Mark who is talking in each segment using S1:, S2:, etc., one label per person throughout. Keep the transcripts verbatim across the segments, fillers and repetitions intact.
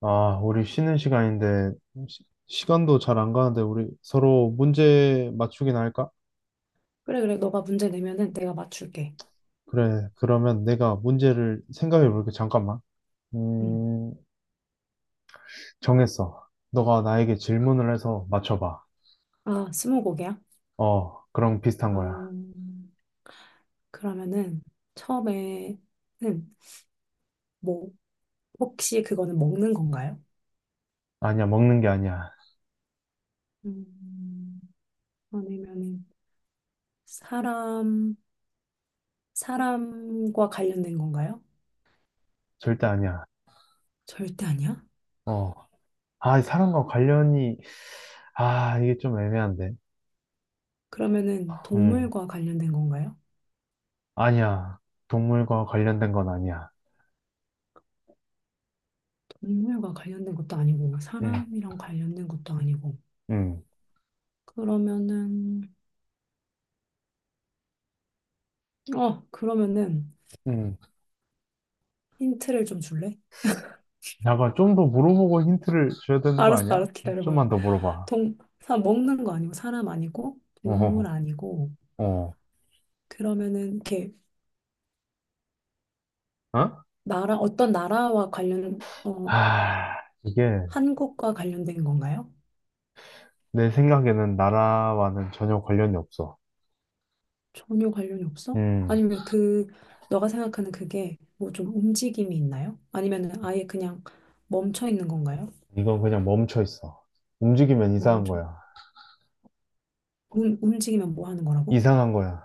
S1: 아, 우리 쉬는 시간인데, 시, 간도 잘 안 가는데, 우리 서로 문제 맞추기나 할까?
S2: 그래, 그래. 너가 문제 내면은 내가 맞출게.
S1: 그래, 그러면 내가 문제를 생각해 볼게. 잠깐만.
S2: 응.
S1: 음, 정했어. 너가 나에게 질문을 해서 맞춰봐.
S2: 아, 스무고개야?
S1: 어, 그럼 비슷한 거야.
S2: 음, 그러면은 처음에는 뭐 혹시 그거는 먹는 건가요?
S1: 아니야, 먹는 게 아니야.
S2: 음, 아니면은 사람 사람과 관련된 건가요?
S1: 절대 아니야.
S2: 절대 아니야.
S1: 어, 아, 이 사람과 관련이, 아, 이게 좀 애매한데.
S2: 그러면은
S1: 음,
S2: 동물과 관련된 건가요?
S1: 아니야. 동물과 관련된 건 아니야.
S2: 동물과 관련된 것도 아니고
S1: 음,
S2: 사람이랑 관련된 것도 아니고
S1: 음,
S2: 그러면은 어 그러면은
S1: 음.
S2: 힌트를 좀 줄래?
S1: 약간 좀 더 물어보고 힌트를 줘야 되는 거
S2: 알았어,
S1: 아니야?
S2: 알았어. 기다려봐.
S1: 좀만 더 물어봐.
S2: 동, 사, 먹는 거 아니고, 사람 아니고, 동물
S1: 어,
S2: 아니고,
S1: 어,
S2: 그러면은, 이렇게,
S1: 어?
S2: 나라, 어떤 나라와 관련, 어,
S1: 아, 이게
S2: 한국과 관련된 건가요?
S1: 내 생각에는 나라와는 전혀 관련이 없어.
S2: 전혀 관련이 없어?
S1: 음,
S2: 아니면 그, 너가 생각하는 그게 뭐 좀 움직임이 있나요? 아니면은 아예 그냥 멈춰 있는 건가요?
S1: 이건 그냥 멈춰 있어. 움직이면 이상한
S2: 멈춰.
S1: 거야.
S2: 움, 움직이면 뭐 하는 거라고?
S1: 이상한 거야.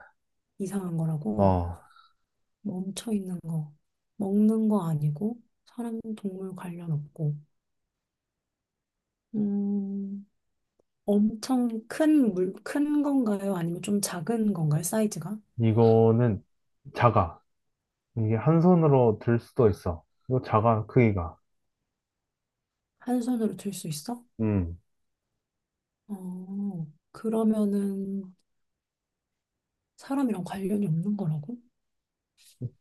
S2: 이상한 거라고?
S1: 어,
S2: 멈춰 있는 거. 먹는 거 아니고, 사람, 동물 관련 없고. 음, 엄청 큰 물, 큰 건가요? 아니면 좀 작은 건가요? 사이즈가?
S1: 이거는 작아. 이게 한 손으로 들 수도 있어. 이거 작아, 크기가.
S2: 한 손으로 들 수 있어?
S1: 음,
S2: 어, 그러면은 사람이랑 관련이 없는 거라고?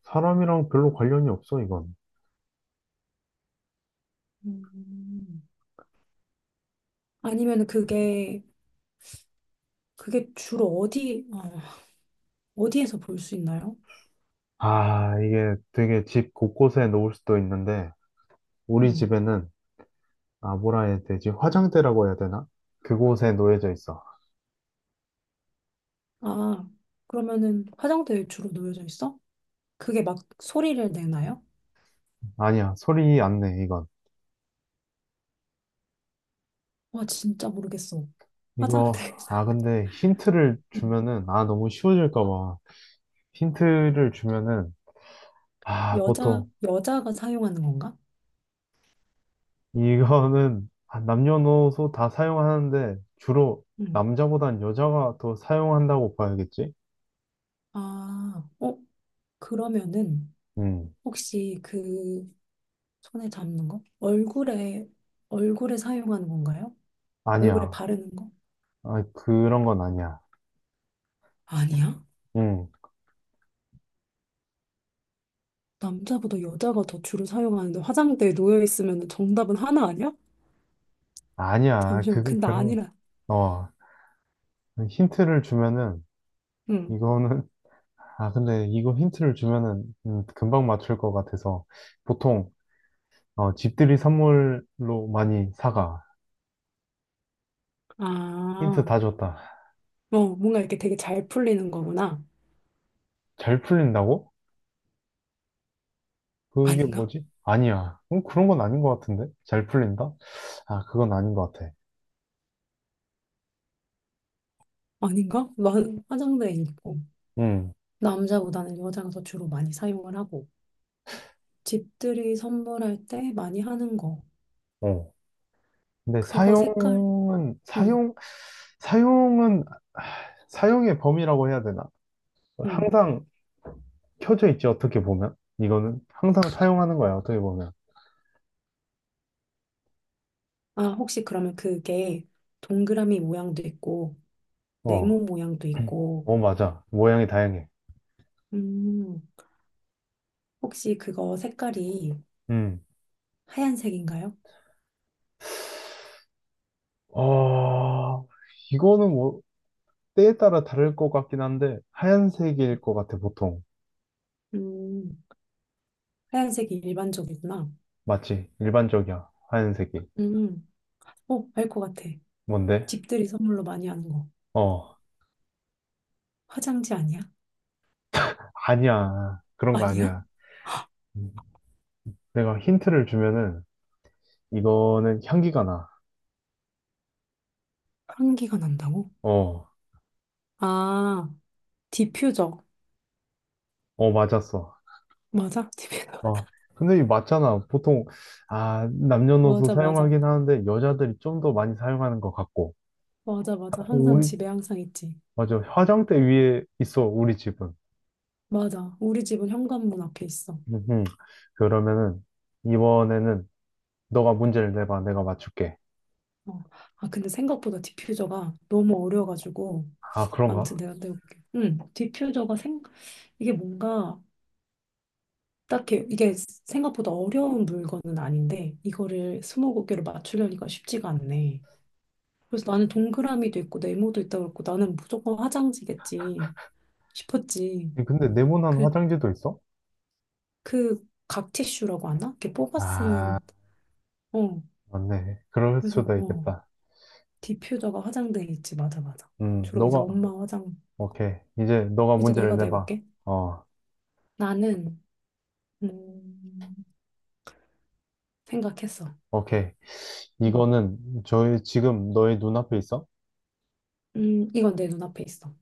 S1: 사람이랑 별로 관련이 없어, 이건.
S2: 음, 아니면 그게, 그게 주로 어디, 어, 어디에서 볼 수 있나요?
S1: 아, 이게 되게 집 곳곳에 놓을 수도 있는데, 우리
S2: 음,
S1: 집에는 아, 뭐라 해야 되지? 화장대라고 해야 되나? 그곳에 놓여져 있어.
S2: 아, 그러면은 화장대에 주로 놓여져 있어? 그게 막 소리를 내나요?
S1: 아니야, 소리 안 내, 이건.
S2: 와, 진짜 모르겠어.
S1: 이거,
S2: 화장대에서.
S1: 아, 근데 힌트를
S2: 음,
S1: 주면은, 아, 너무 쉬워질까 봐. 힌트를 주면은, 아,
S2: 여자,
S1: 보통,
S2: 여자가 사용하는 건가?
S1: 이거는 아, 남녀노소 다 사용하는데, 주로
S2: 음.
S1: 남자보단 여자가 더 사용한다고 봐야겠지?
S2: 아, 어? 그러면은
S1: 음,
S2: 혹시 그 손에 잡는 거? 얼굴에 얼굴에 사용하는 건가요? 얼굴에
S1: 아니야.
S2: 바르는 거?
S1: 아, 그런 건 아니야.
S2: 아니야?
S1: 음,
S2: 남자보다 여자가 더 주로 사용하는데 화장대에 놓여 있으면 정답은 하나 아니야?
S1: 아니야.
S2: 잠시만.
S1: 그,
S2: 근데
S1: 그런,
S2: 아니라.
S1: 어, 힌트를 주면은,
S2: 응.
S1: 이거는 아, 근데 이거 힌트를 주면은 음, 금방 맞출 것 같아서 보통 어, 집들이 선물로 많이 사가. 힌트
S2: 아.
S1: 다 줬다.
S2: 어, 뭔가 이렇게 되게 잘 풀리는 거구나.
S1: 잘 풀린다고? 그게
S2: 아닌가?
S1: 뭐지? 아니야. 음, 그런 건 아닌 것 같은데? 잘 풀린다? 아, 그건 아닌 것 같아.
S2: 아닌가? 나 화장대에 있고
S1: 음,
S2: 남자보다는 여자가 더 주로 많이 사용을 하고 집들이 선물할 때 많이 하는 거.
S1: 어. 근데
S2: 그거 색깔.
S1: 사용은,
S2: 응.
S1: 사용, 사용은, 아, 사용의 범위라고 해야 되나?
S2: 응.
S1: 항상 켜져 있지, 어떻게 보면. 이거는 항상 사용하는 거야, 어떻게 보면.
S2: 아, 혹시 그러면 그게 동그라미 모양도 있고,
S1: 어,
S2: 네모 모양도 있고,
S1: 어, 맞아. 모양이 다양해.
S2: 음, 혹시 그거 색깔이
S1: 음.
S2: 하얀색인가요?
S1: 아, 이거는 뭐 때에 따라 다를 것 같긴 한데 하얀색일 것 같아 보통.
S2: 음, 하얀색이 일반적이구나.
S1: 맞지? 일반적이야. 하얀색이.
S2: 음, 어, 알 것 같아.
S1: 뭔데?
S2: 집들이 선물로 많이 하는 거.
S1: 어,
S2: 화장지 아니야?
S1: 아니야. 그런 거
S2: 아니야?
S1: 아니야. 음, 내가 힌트를 주면은 이거는 향기가 나.
S2: 향기가 난다고?
S1: 어,
S2: 아, 디퓨저.
S1: 어 맞았어.
S2: 맞아? 디퓨저.
S1: 어, 근데 이 맞잖아. 보통 아 남녀노소
S2: 맞아, 맞아.
S1: 사용하긴 하는데 여자들이 좀 더 많이 사용하는 것 같고.
S2: 맞아,
S1: 아,
S2: 맞아. 항상
S1: 우리
S2: 집에 항상 있지.
S1: 맞아. 화장대 위에 있어 우리 집은.
S2: 맞아. 우리 집은 현관문 앞에 있어.
S1: 음흠. 그러면은 이번에는 너가 문제를 내봐. 내가 맞출게.
S2: 어. 아, 근데 생각보다 디퓨저가 너무 어려워가지고.
S1: 아,
S2: 아무튼
S1: 그런가?
S2: 내가 떼볼게. 응, 디퓨저가 생, 이게 뭔가, 딱히, 이게 생각보다 어려운 물건은 아닌데, 이거를 스무고개로 맞추려니까 쉽지가 않네. 그래서 나는 동그라미도 있고, 네모도 있다고 했고, 나는 무조건 화장지겠지 싶었지.
S1: 근데 네모난
S2: 그,
S1: 화장지도 있어?
S2: 그, 각 티슈라고 하나? 이렇게 뽑아
S1: 아,
S2: 쓰는, 어.
S1: 맞네. 그럴
S2: 그래서,
S1: 수도
S2: 어,
S1: 있겠다.
S2: 디퓨저가 화장대에 있지. 맞아, 맞아.
S1: 음,
S2: 주로 이제
S1: 너가
S2: 엄마 화장,
S1: 오케이. 이제 너가
S2: 이제
S1: 문제를
S2: 내가
S1: 내봐.
S2: 내볼게.
S1: 어,
S2: 나는 음, 생각했어.
S1: 오케이.
S2: 음,
S1: 이거는 저희 지금 너의 눈앞에 있어?
S2: 음, 이건 내 눈앞에 있어.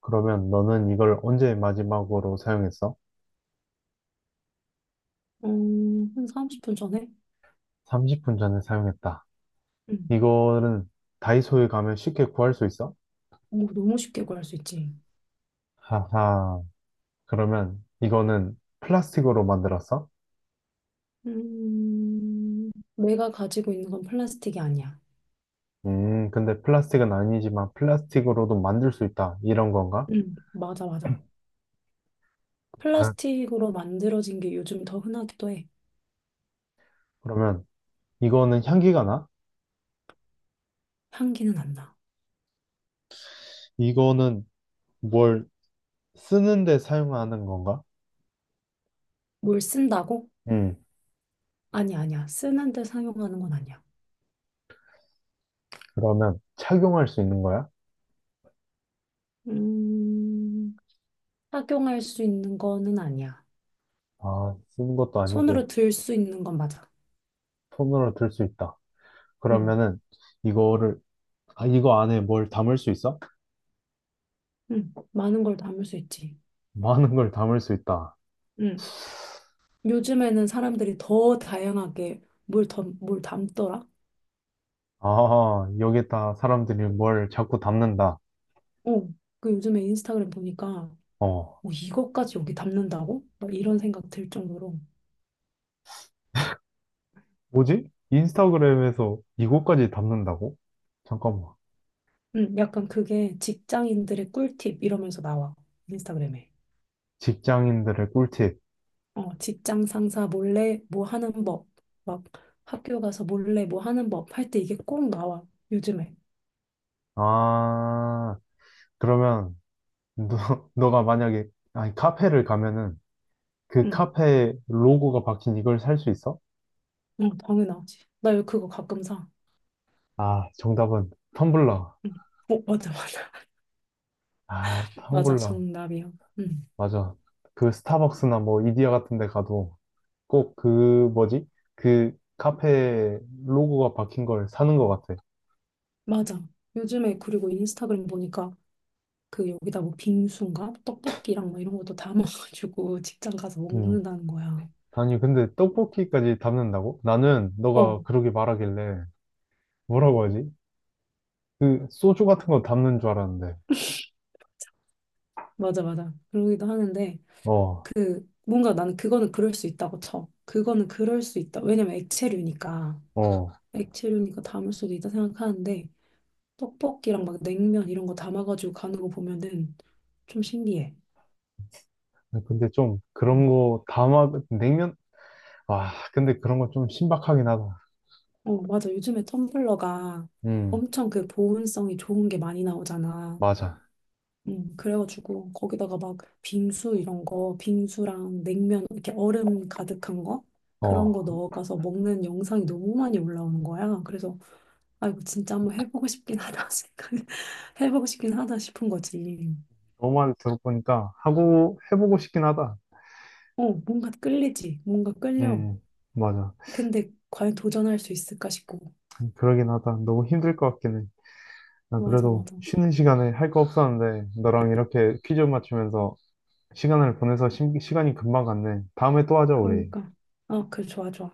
S1: 그러면 너는 이걸 언제 마지막으로 사용했어?
S2: 어, 한 삼십 분 전에?
S1: 삼십 분 전에 사용했다.
S2: 음,
S1: 이거는 다이소에 가면 쉽게 구할 수 있어?
S2: 오, 너무 쉽게 구할 수 있지.
S1: 하하. 그러면 이거는 플라스틱으로 만들었어?
S2: 음, 내가 가지고 있는 건 플라스틱이 아니야.
S1: 음, 근데 플라스틱은 아니지만 플라스틱으로도 만들 수 있다. 이런 건가?
S2: 음, 맞아, 맞아.
S1: 아,
S2: 플라스틱으로 만들어진 게 요즘 더 흔하기도 해.
S1: 그러면 이거는 향기가 나?
S2: 향기는 안 나.
S1: 이거는 뭘 쓰는데 사용하는 건가?
S2: 뭘 쓴다고?
S1: 음,
S2: 아니, 아니야. 쓰는데 사용하는 건 아니야.
S1: 그러면 착용할 수 있는 거야?
S2: 음, 착용할 수 있는 거는 아니야.
S1: 아, 쓰는 것도 아니고
S2: 손으로 들 수 있는 건 맞아.
S1: 손으로 들 수 있다.
S2: 음,
S1: 그러면은 이거를, 아, 이거 안에 뭘 담을 수 있어?
S2: 음, 많은 걸 담을 수 있지.
S1: 많은 걸 담을 수 있다.
S2: 응. 요즘에는 사람들이 더 다양하게 뭘, 덤, 뭘 담더라?
S1: 아, 여기다 사람들이 뭘 자꾸 담는다.
S2: 어. 그 요즘에 인스타그램 보니까
S1: 어.
S2: 뭐 이것까지 여기 담는다고? 막 이런 생각 들 정도로.
S1: 뭐지? 인스타그램에서 이거까지 담는다고? 잠깐만.
S2: 응. 약간 그게 직장인들의 꿀팁 이러면서 나와. 인스타그램에.
S1: 직장인들의 꿀팁.
S2: 어, 직장 상사 몰래 뭐 하는 법. 막 학교 가서 몰래 뭐 하는 법 할 때 이게 꼭 나와. 요즘에.
S1: 아, 그러면 너, 너가 만약에 아니, 카페를 가면은 그
S2: 응.
S1: 카페 로고가 박힌 이걸 살 수 있어?
S2: 어, 당연하지. 나 이거 그거 가끔 사.
S1: 아, 정답은 텀블러.
S2: 응. 어, 맞아, 맞아.
S1: 아,
S2: 맞아,
S1: 텀블러.
S2: 정답이야. 응.
S1: 맞아. 그 스타벅스나 뭐 이디야 같은 데 가도 꼭 그 뭐지? 그 카페 로고가 박힌 걸 사는 것 같아.
S2: 맞아. 요즘에 그리고 인스타그램 보니까 그 여기다 뭐 빙수인가 떡볶이랑 뭐 이런 것도 담아가지고 직장 가서
S1: 음,
S2: 먹는다는 거야.
S1: 아니, 근데 떡볶이까지 담는다고? 나는
S2: 어,
S1: 너가 그러게 말하길래 뭐라고 하지? 그 소주 같은 거 담는 줄 알았는데.
S2: 맞아, 맞아. 그러기도 하는데
S1: 어,
S2: 그 뭔가 나는 그거는 그럴 수 있다고 쳐. 그거는 그럴 수 있다. 왜냐면 액체류니까
S1: 어.
S2: 액체류니까 담을 수도 있다 생각하는데 떡볶이랑 막 냉면 이런 거 담아가지고 가는 거 보면은 좀 신기해.
S1: 근데 좀 그런
S2: 음.
S1: 거 담아 냉면? 아, 근데 그런 거 좀 신박하긴 하다.
S2: 어, 맞아. 요즘에 텀블러가
S1: 음,
S2: 엄청 그 보온성이 좋은 게 많이 나오잖아.
S1: 맞아.
S2: 음, 그래가지고 거기다가 막 빙수 이런 거, 빙수랑 냉면 이렇게 얼음 가득한 거 그런
S1: 어,
S2: 거 넣어가서 먹는 영상이 너무 많이 올라오는 거야. 그래서 아 이거 진짜 한번 해보고 싶긴 하다 생각 해보고 싶긴 하다 싶은 거지.
S1: 너 말 들어보니까 하고 해보고 싶긴 하다.
S2: 어 뭔가 끌리지, 뭔가 끌려.
S1: 음, 맞아.
S2: 근데 과연 도전할 수 있을까 싶고.
S1: 그러긴 하다. 너무 힘들 것 같긴 해. 나
S2: 맞아
S1: 그래도
S2: 맞아.
S1: 쉬는 시간에 할 거 없었는데 너랑 이렇게 퀴즈 맞추면서 시간을 보내서 심- 시간이 금방 갔네. 다음에 또 하자, 우리.
S2: 그러니까 아 그래 좋아 좋아.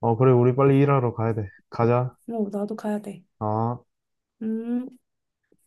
S1: 어, 그래, 우리 빨리 일하러 가야 돼. 가자.
S2: 어 나도 가야 돼.
S1: 어.
S2: 음.